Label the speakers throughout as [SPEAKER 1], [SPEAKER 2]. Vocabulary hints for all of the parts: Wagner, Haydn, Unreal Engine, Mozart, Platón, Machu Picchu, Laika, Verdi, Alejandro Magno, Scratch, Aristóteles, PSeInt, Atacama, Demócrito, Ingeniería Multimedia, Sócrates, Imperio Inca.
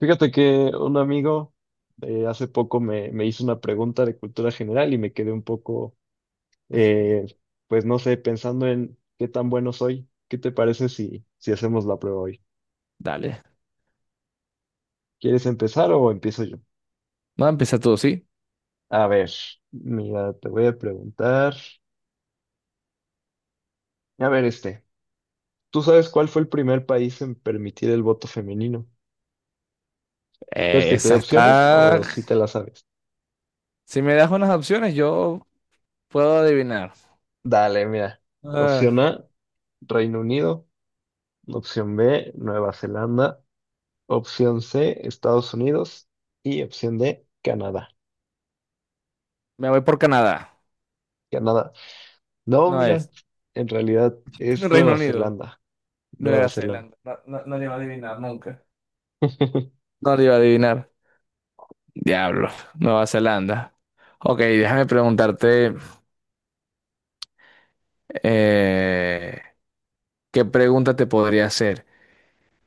[SPEAKER 1] Fíjate que un amigo hace poco me hizo una pregunta de cultura general y me quedé un poco, eh, pues no sé, pensando en qué tan bueno soy. ¿Qué te parece si hacemos la prueba hoy?
[SPEAKER 2] Dale.
[SPEAKER 1] ¿Quieres empezar o empiezo yo?
[SPEAKER 2] No, empieza tú, ¿sí?
[SPEAKER 1] A ver, mira, te voy a preguntar. A ver, este, ¿tú sabes cuál fue el primer país en permitir el voto femenino? ¿Quieres que te dé
[SPEAKER 2] Esa
[SPEAKER 1] opciones
[SPEAKER 2] está...
[SPEAKER 1] o si te la sabes?
[SPEAKER 2] Si me das unas opciones, yo puedo adivinar.
[SPEAKER 1] Dale, mira.
[SPEAKER 2] Ah,
[SPEAKER 1] Opción A, Reino Unido. Opción B, Nueva Zelanda. Opción C, Estados Unidos. Y opción D, Canadá.
[SPEAKER 2] me voy por Canadá.
[SPEAKER 1] Canadá. No,
[SPEAKER 2] No
[SPEAKER 1] mira,
[SPEAKER 2] es.
[SPEAKER 1] en realidad es
[SPEAKER 2] Reino
[SPEAKER 1] Nueva
[SPEAKER 2] Unido.
[SPEAKER 1] Zelanda. Nueva
[SPEAKER 2] Nueva
[SPEAKER 1] Zelanda.
[SPEAKER 2] Zelanda. No, no, no le iba a adivinar nunca. No le iba a adivinar. Diablo. Nueva Zelanda. Ok, déjame preguntarte... eh, ¿qué pregunta te podría hacer?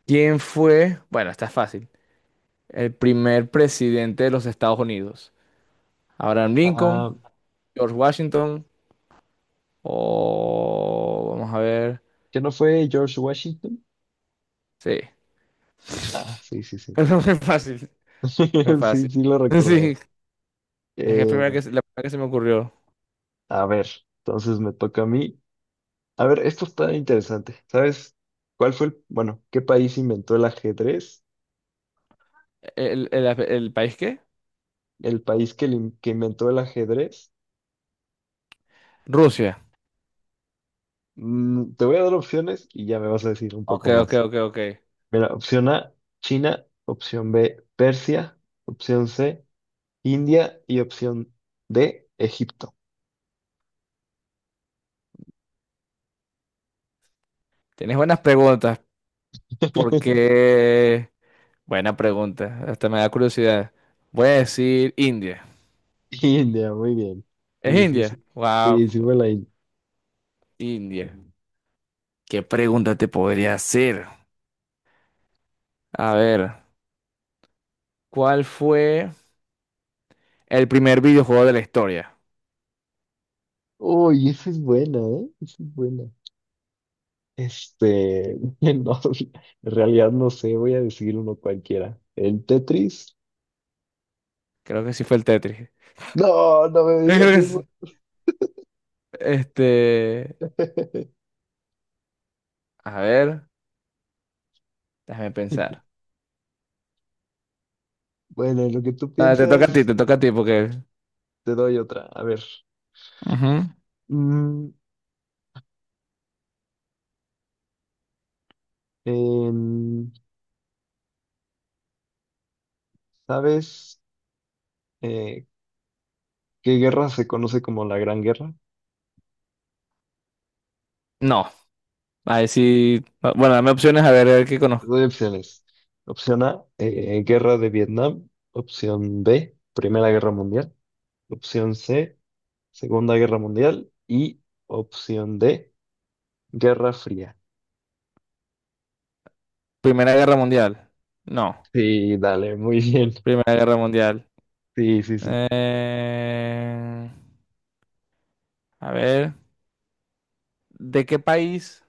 [SPEAKER 2] ¿Quién fue... Bueno, está fácil. El primer presidente de los Estados Unidos. Abraham Lincoln,
[SPEAKER 1] Ah,
[SPEAKER 2] George Washington. O vamos a ver.
[SPEAKER 1] ¿que no fue George Washington?
[SPEAKER 2] Sí.
[SPEAKER 1] Ah, sí, sí, sí.
[SPEAKER 2] No fue fácil. Fue fácil.
[SPEAKER 1] Sí, sí lo recordaba.
[SPEAKER 2] Sí. Es que es primera
[SPEAKER 1] Eh,
[SPEAKER 2] la primera que se me ocurrió.
[SPEAKER 1] a ver, entonces me toca a mí. A ver, esto está interesante. ¿Sabes cuál fue bueno, qué país inventó el ajedrez?
[SPEAKER 2] ¿El país qué?
[SPEAKER 1] El país que inventó el ajedrez.
[SPEAKER 2] Rusia.
[SPEAKER 1] Mm, te voy a dar opciones y ya me vas a decir un
[SPEAKER 2] Ok,
[SPEAKER 1] poco
[SPEAKER 2] ok,
[SPEAKER 1] más.
[SPEAKER 2] ok, ok.
[SPEAKER 1] Mira, opción A, China, opción B, Persia, opción C, India y opción D, Egipto.
[SPEAKER 2] Tienes buenas preguntas. Porque. Buena pregunta. Hasta me da curiosidad. Voy a decir India.
[SPEAKER 1] India, muy bien.
[SPEAKER 2] ¿Es
[SPEAKER 1] Sí, sí, sí.
[SPEAKER 2] India? Wow,
[SPEAKER 1] Sí, sí fue la India.
[SPEAKER 2] India. ¿Qué pregunta te podría hacer? A ver, ¿cuál fue el primer videojuego de la historia?
[SPEAKER 1] Uy, esa es buena, ¿eh? Esa es buena. Este, no, en realidad no sé, voy a decir uno cualquiera. ¿El Tetris?
[SPEAKER 2] Creo que sí fue el Tetris.
[SPEAKER 1] No, no me
[SPEAKER 2] Yo creo
[SPEAKER 1] digas
[SPEAKER 2] que es-
[SPEAKER 1] eso.
[SPEAKER 2] Este, a ver, déjame pensar.
[SPEAKER 1] Bueno, en lo que tú
[SPEAKER 2] Ah, te toca a ti,
[SPEAKER 1] piensas,
[SPEAKER 2] te toca a ti porque...
[SPEAKER 1] te doy otra. A ver.
[SPEAKER 2] Ujú.
[SPEAKER 1] Mm, en- ¿sabes? Eh, ¿Qué guerra se conoce como la Gran Guerra?
[SPEAKER 2] No, a ver si... Bueno, dame opciones a ver qué
[SPEAKER 1] Te
[SPEAKER 2] conozco.
[SPEAKER 1] doy opciones. Opción A, Guerra de Vietnam. Opción B, Primera Guerra Mundial. Opción C, Segunda Guerra Mundial. Y opción D, Guerra Fría.
[SPEAKER 2] Primera Guerra Mundial. No,
[SPEAKER 1] Sí, dale, muy bien.
[SPEAKER 2] Primera Guerra Mundial.
[SPEAKER 1] Sí, sí, sí.
[SPEAKER 2] Eh, A ver, ¿de qué país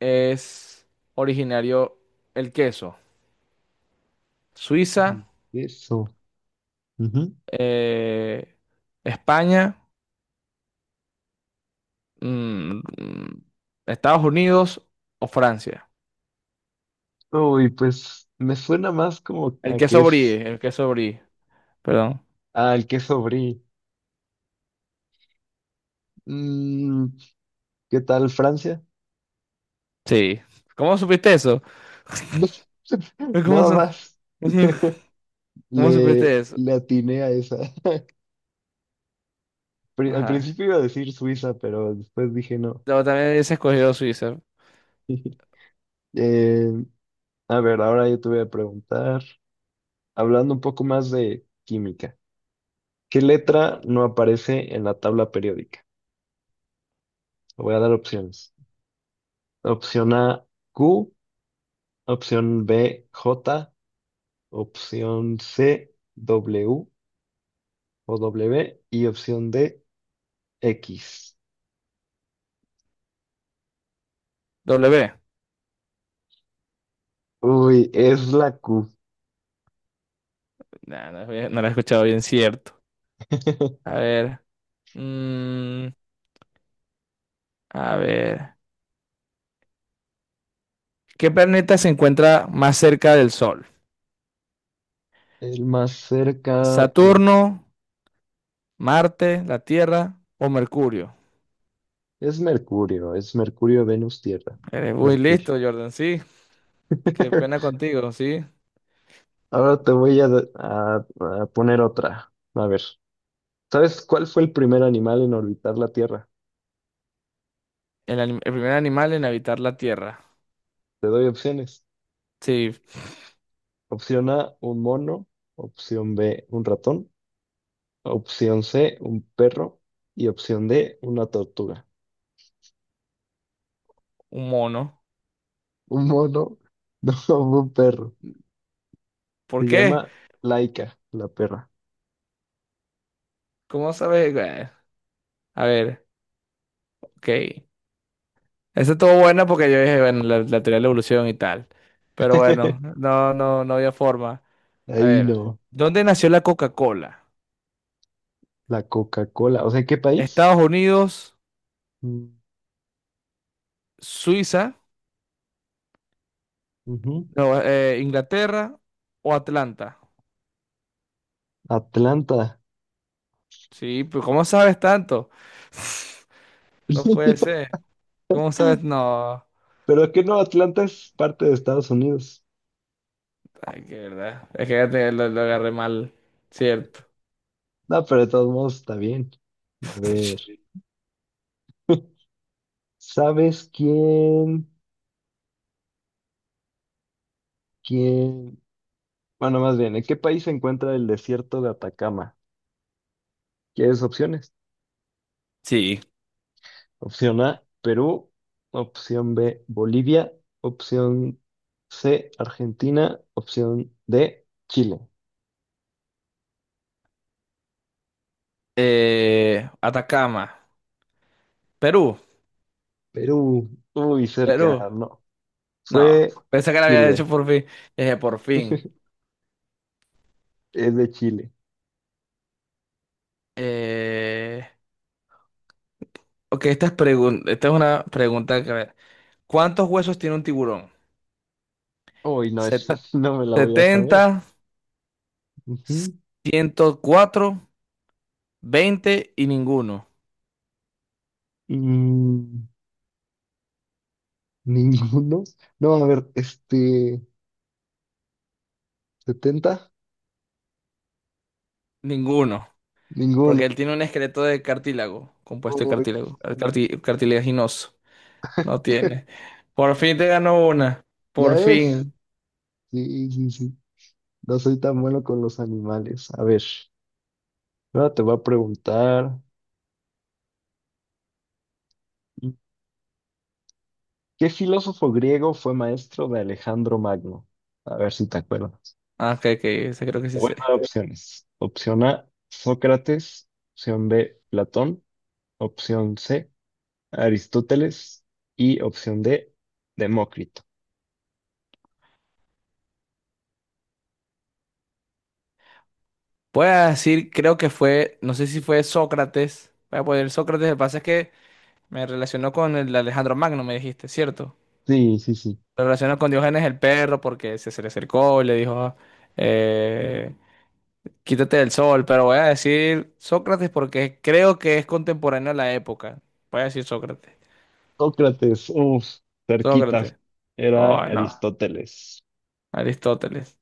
[SPEAKER 2] es originario el queso? Suiza,
[SPEAKER 1] Eso. Ujú.
[SPEAKER 2] eh, España, mm, mm, Estados Unidos o Francia.
[SPEAKER 1] Uy, pues me suena más como a que es
[SPEAKER 2] El queso brie, perdón.
[SPEAKER 1] al que es. Mm, ¿qué tal Francia?
[SPEAKER 2] Sí. ¿Cómo supiste eso? ¿Cómo,
[SPEAKER 1] nada
[SPEAKER 2] su-
[SPEAKER 1] más.
[SPEAKER 2] ¿Cómo supiste eso?
[SPEAKER 1] Le atiné a esa. Al
[SPEAKER 2] Ajá.
[SPEAKER 1] principio iba a decir Suiza, pero después dije no.
[SPEAKER 2] Luego también hubiese escogido Suiza.
[SPEAKER 1] Eh, a ver, ahora yo te voy a preguntar, hablando un poco más de química, ¿qué letra
[SPEAKER 2] Ok.
[SPEAKER 1] no aparece en la tabla periódica? Te voy a dar opciones. Opción A, Q, opción B, J, opción C, W y opción D, X.
[SPEAKER 2] W.
[SPEAKER 1] Uy, es la Q.
[SPEAKER 2] Nah, no lo he escuchado bien, cierto. A ver. mm, a ver. ¿Qué planeta se encuentra más cerca del Sol?
[SPEAKER 1] El más cerca,
[SPEAKER 2] ¿Saturno, Marte, la Tierra o Mercurio?
[SPEAKER 1] es Mercurio, es Mercurio, Venus, Tierra.
[SPEAKER 2] Eres muy
[SPEAKER 1] Mercurio.
[SPEAKER 2] listo, Jordan, sí. Qué pena contigo, sí.
[SPEAKER 1] Ahora te voy a, a- a poner otra. A ver, ¿sabes cuál fue el primer animal en orbitar la Tierra?
[SPEAKER 2] El primer animal en habitar la Tierra.
[SPEAKER 1] Te doy opciones.
[SPEAKER 2] Sí.
[SPEAKER 1] Opción A, un mono. Opción B, un ratón. Opción C, un perro. Y opción D, una tortuga.
[SPEAKER 2] Un mono.
[SPEAKER 1] Un mono, no, un perro.
[SPEAKER 2] ¿Por
[SPEAKER 1] Se
[SPEAKER 2] qué?
[SPEAKER 1] llama Laika, la perra.
[SPEAKER 2] ¿Cómo sabes? Bueno, a ver, ok. Esa estuvo buena porque yo dije, bueno, la teoría de la evolución y tal. Pero bueno, no, no, no había forma. A
[SPEAKER 1] Ahí
[SPEAKER 2] ver,
[SPEAKER 1] no,
[SPEAKER 2] ¿dónde nació la Coca-Cola?
[SPEAKER 1] la Coca-Cola. O sea, ¿qué país?
[SPEAKER 2] ¿Estados Unidos,
[SPEAKER 1] Mm,
[SPEAKER 2] Suiza,
[SPEAKER 1] ujú.
[SPEAKER 2] no, Inglaterra o Atlanta?
[SPEAKER 1] Atlanta.
[SPEAKER 2] Sí, pero ¿cómo sabes tanto? No puede ser. ¿Cómo sabes? No.
[SPEAKER 1] Pero que no, Atlanta es parte de Estados Unidos.
[SPEAKER 2] Ay, qué verdad. Es que ya te- lo agarré mal. Cierto.
[SPEAKER 1] No, pero de todos modos está bien. A ver, ¿sabes quién? ¿Quién? Bueno, más bien, ¿en qué país se encuentra el desierto de Atacama? ¿Quieres opciones?
[SPEAKER 2] Sí,
[SPEAKER 1] Opción A, Perú. Opción B, Bolivia. Opción C, Argentina. Opción D, Chile.
[SPEAKER 2] Atacama, Perú,
[SPEAKER 1] Perú. Uy, cerca,
[SPEAKER 2] Perú.
[SPEAKER 1] no.
[SPEAKER 2] No,
[SPEAKER 1] Fue
[SPEAKER 2] pensé que la había
[SPEAKER 1] Chile.
[SPEAKER 2] hecho por fin. Dije, por fin.
[SPEAKER 1] Es de Chile.
[SPEAKER 2] Eh, ok, esta es una pregunta que... a ver, ¿cuántos huesos tiene un tiburón?
[SPEAKER 1] Uy, no, esa
[SPEAKER 2] Set-
[SPEAKER 1] sí no me la voy a saber.
[SPEAKER 2] setenta,
[SPEAKER 1] Ujú.
[SPEAKER 2] ciento cuatro, veinte y ninguno.
[SPEAKER 1] Mm, ninguno. No, a ver, este, 70.
[SPEAKER 2] Ninguno.
[SPEAKER 1] Ninguno.
[SPEAKER 2] Porque él tiene un esqueleto de cartílago, compuesto de
[SPEAKER 1] Uy, no sabía.
[SPEAKER 2] cartilaginoso. No tiene. Por fin te ganó una.
[SPEAKER 1] ¿Ya
[SPEAKER 2] Por
[SPEAKER 1] ves?
[SPEAKER 2] fin.
[SPEAKER 1] Sí, sí, sí. No soy tan bueno con los animales. A ver, ahora te voy a preguntar, ¿qué filósofo griego fue maestro de Alejandro Magno? A ver si te acuerdas.
[SPEAKER 2] Ah, ok, ok, ese creo que
[SPEAKER 1] Te
[SPEAKER 2] sí
[SPEAKER 1] voy
[SPEAKER 2] sé.
[SPEAKER 1] a dar opciones. Opción A, Sócrates. Opción B, Platón. Opción C, Aristóteles y opción D, Demócrito.
[SPEAKER 2] Voy a decir, creo que fue, no sé si fue Sócrates. Voy a poner Sócrates, lo que pasa es que me relacionó con el Alejandro Magno, me dijiste, ¿cierto?
[SPEAKER 1] Sí, sí, sí.
[SPEAKER 2] Lo relacionó con Diógenes el perro porque se le acercó y le dijo, eh, quítate del sol, pero voy a decir Sócrates porque creo que es contemporáneo a la época. Voy a decir Sócrates.
[SPEAKER 1] Sócrates, uff, cerquita.
[SPEAKER 2] Sócrates.
[SPEAKER 1] Era
[SPEAKER 2] Oh, no.
[SPEAKER 1] Aristóteles.
[SPEAKER 2] Aristóteles.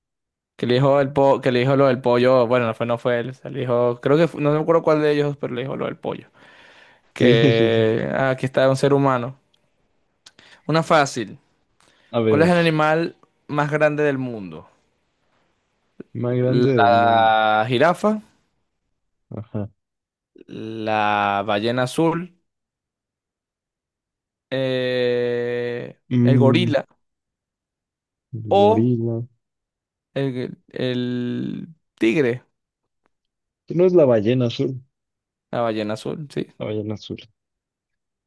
[SPEAKER 2] Que le dijo lo del pollo, bueno, no fue, no fue él, o sea, le dijo, no me acuerdo cuál de ellos, pero le dijo lo del pollo.
[SPEAKER 1] Sí, sí, sí.
[SPEAKER 2] Que ah, aquí está un ser humano. Una fácil.
[SPEAKER 1] A
[SPEAKER 2] ¿Cuál es
[SPEAKER 1] ver,
[SPEAKER 2] el animal más grande del mundo?
[SPEAKER 1] más grande del mundo.
[SPEAKER 2] La jirafa,
[SPEAKER 1] Ajá.
[SPEAKER 2] la ballena azul, el
[SPEAKER 1] Mm,
[SPEAKER 2] gorila o
[SPEAKER 1] gorila.
[SPEAKER 2] el tigre.
[SPEAKER 1] No es la ballena azul.
[SPEAKER 2] La ballena azul, sí.
[SPEAKER 1] La ballena azul.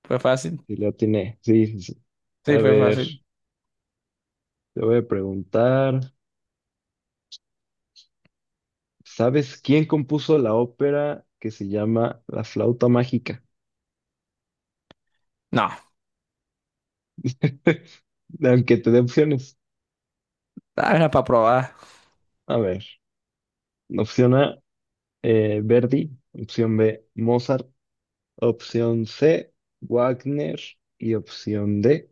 [SPEAKER 2] Fue fácil.
[SPEAKER 1] Sí, la tiene. Sí, sí, sí. A
[SPEAKER 2] Sí, fue
[SPEAKER 1] ver,
[SPEAKER 2] fácil.
[SPEAKER 1] te voy a preguntar. ¿Sabes quién compuso la ópera que se llama La flauta mágica?
[SPEAKER 2] No,
[SPEAKER 1] Aunque te dé opciones.
[SPEAKER 2] ah, era para probar.
[SPEAKER 1] A ver. Opción A, Verdi. Opción B, Mozart. Opción C, Wagner. Y opción D,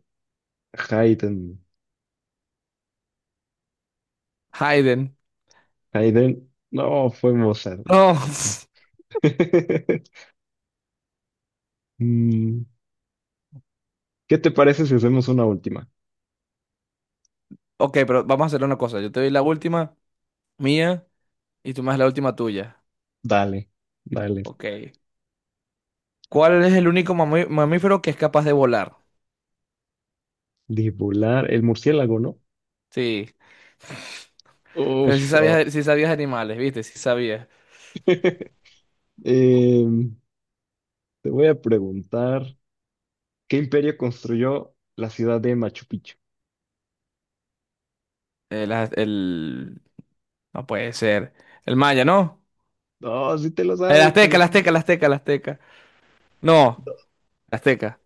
[SPEAKER 1] Haydn.
[SPEAKER 2] Hayden.
[SPEAKER 1] Haydn, no, fue Mozart.
[SPEAKER 2] No.
[SPEAKER 1] Mm, ¿qué te parece si hacemos una última?
[SPEAKER 2] Ok, pero vamos a hacer una cosa. Yo te doy la última mía y tú me das la última tuya.
[SPEAKER 1] Dale, dale.
[SPEAKER 2] Ok. ¿Cuál es el único mamífero que es capaz de volar?
[SPEAKER 1] Dibular, el murciélago, ¿no?
[SPEAKER 2] Sí, pero si
[SPEAKER 1] Uf. Oh.
[SPEAKER 2] sabías, si sabías animales, ¿viste? Si sabías.
[SPEAKER 1] Em, te voy a preguntar, ¿qué imperio construyó la ciudad de Machu Picchu?
[SPEAKER 2] El, az- el- No puede ser. El maya, ¿no?
[SPEAKER 1] No, sí te lo
[SPEAKER 2] El
[SPEAKER 1] sabes, te
[SPEAKER 2] azteca,
[SPEAKER 1] lo
[SPEAKER 2] el
[SPEAKER 1] sé.
[SPEAKER 2] azteca, el azteca, el azteca. No,
[SPEAKER 1] No.
[SPEAKER 2] el azteca.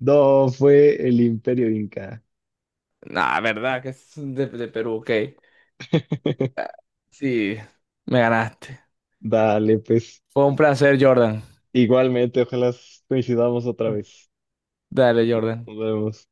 [SPEAKER 1] No, fue el Imperio Inca.
[SPEAKER 2] Nah, verdad, que es de Perú, ok. Ah, Sí, me ganaste.
[SPEAKER 1] Dale, pues
[SPEAKER 2] Fue un placer, Jordan.
[SPEAKER 1] igualmente, ojalá coincidamos otra vez.
[SPEAKER 2] Dale, Jordan.
[SPEAKER 1] Nos vemos.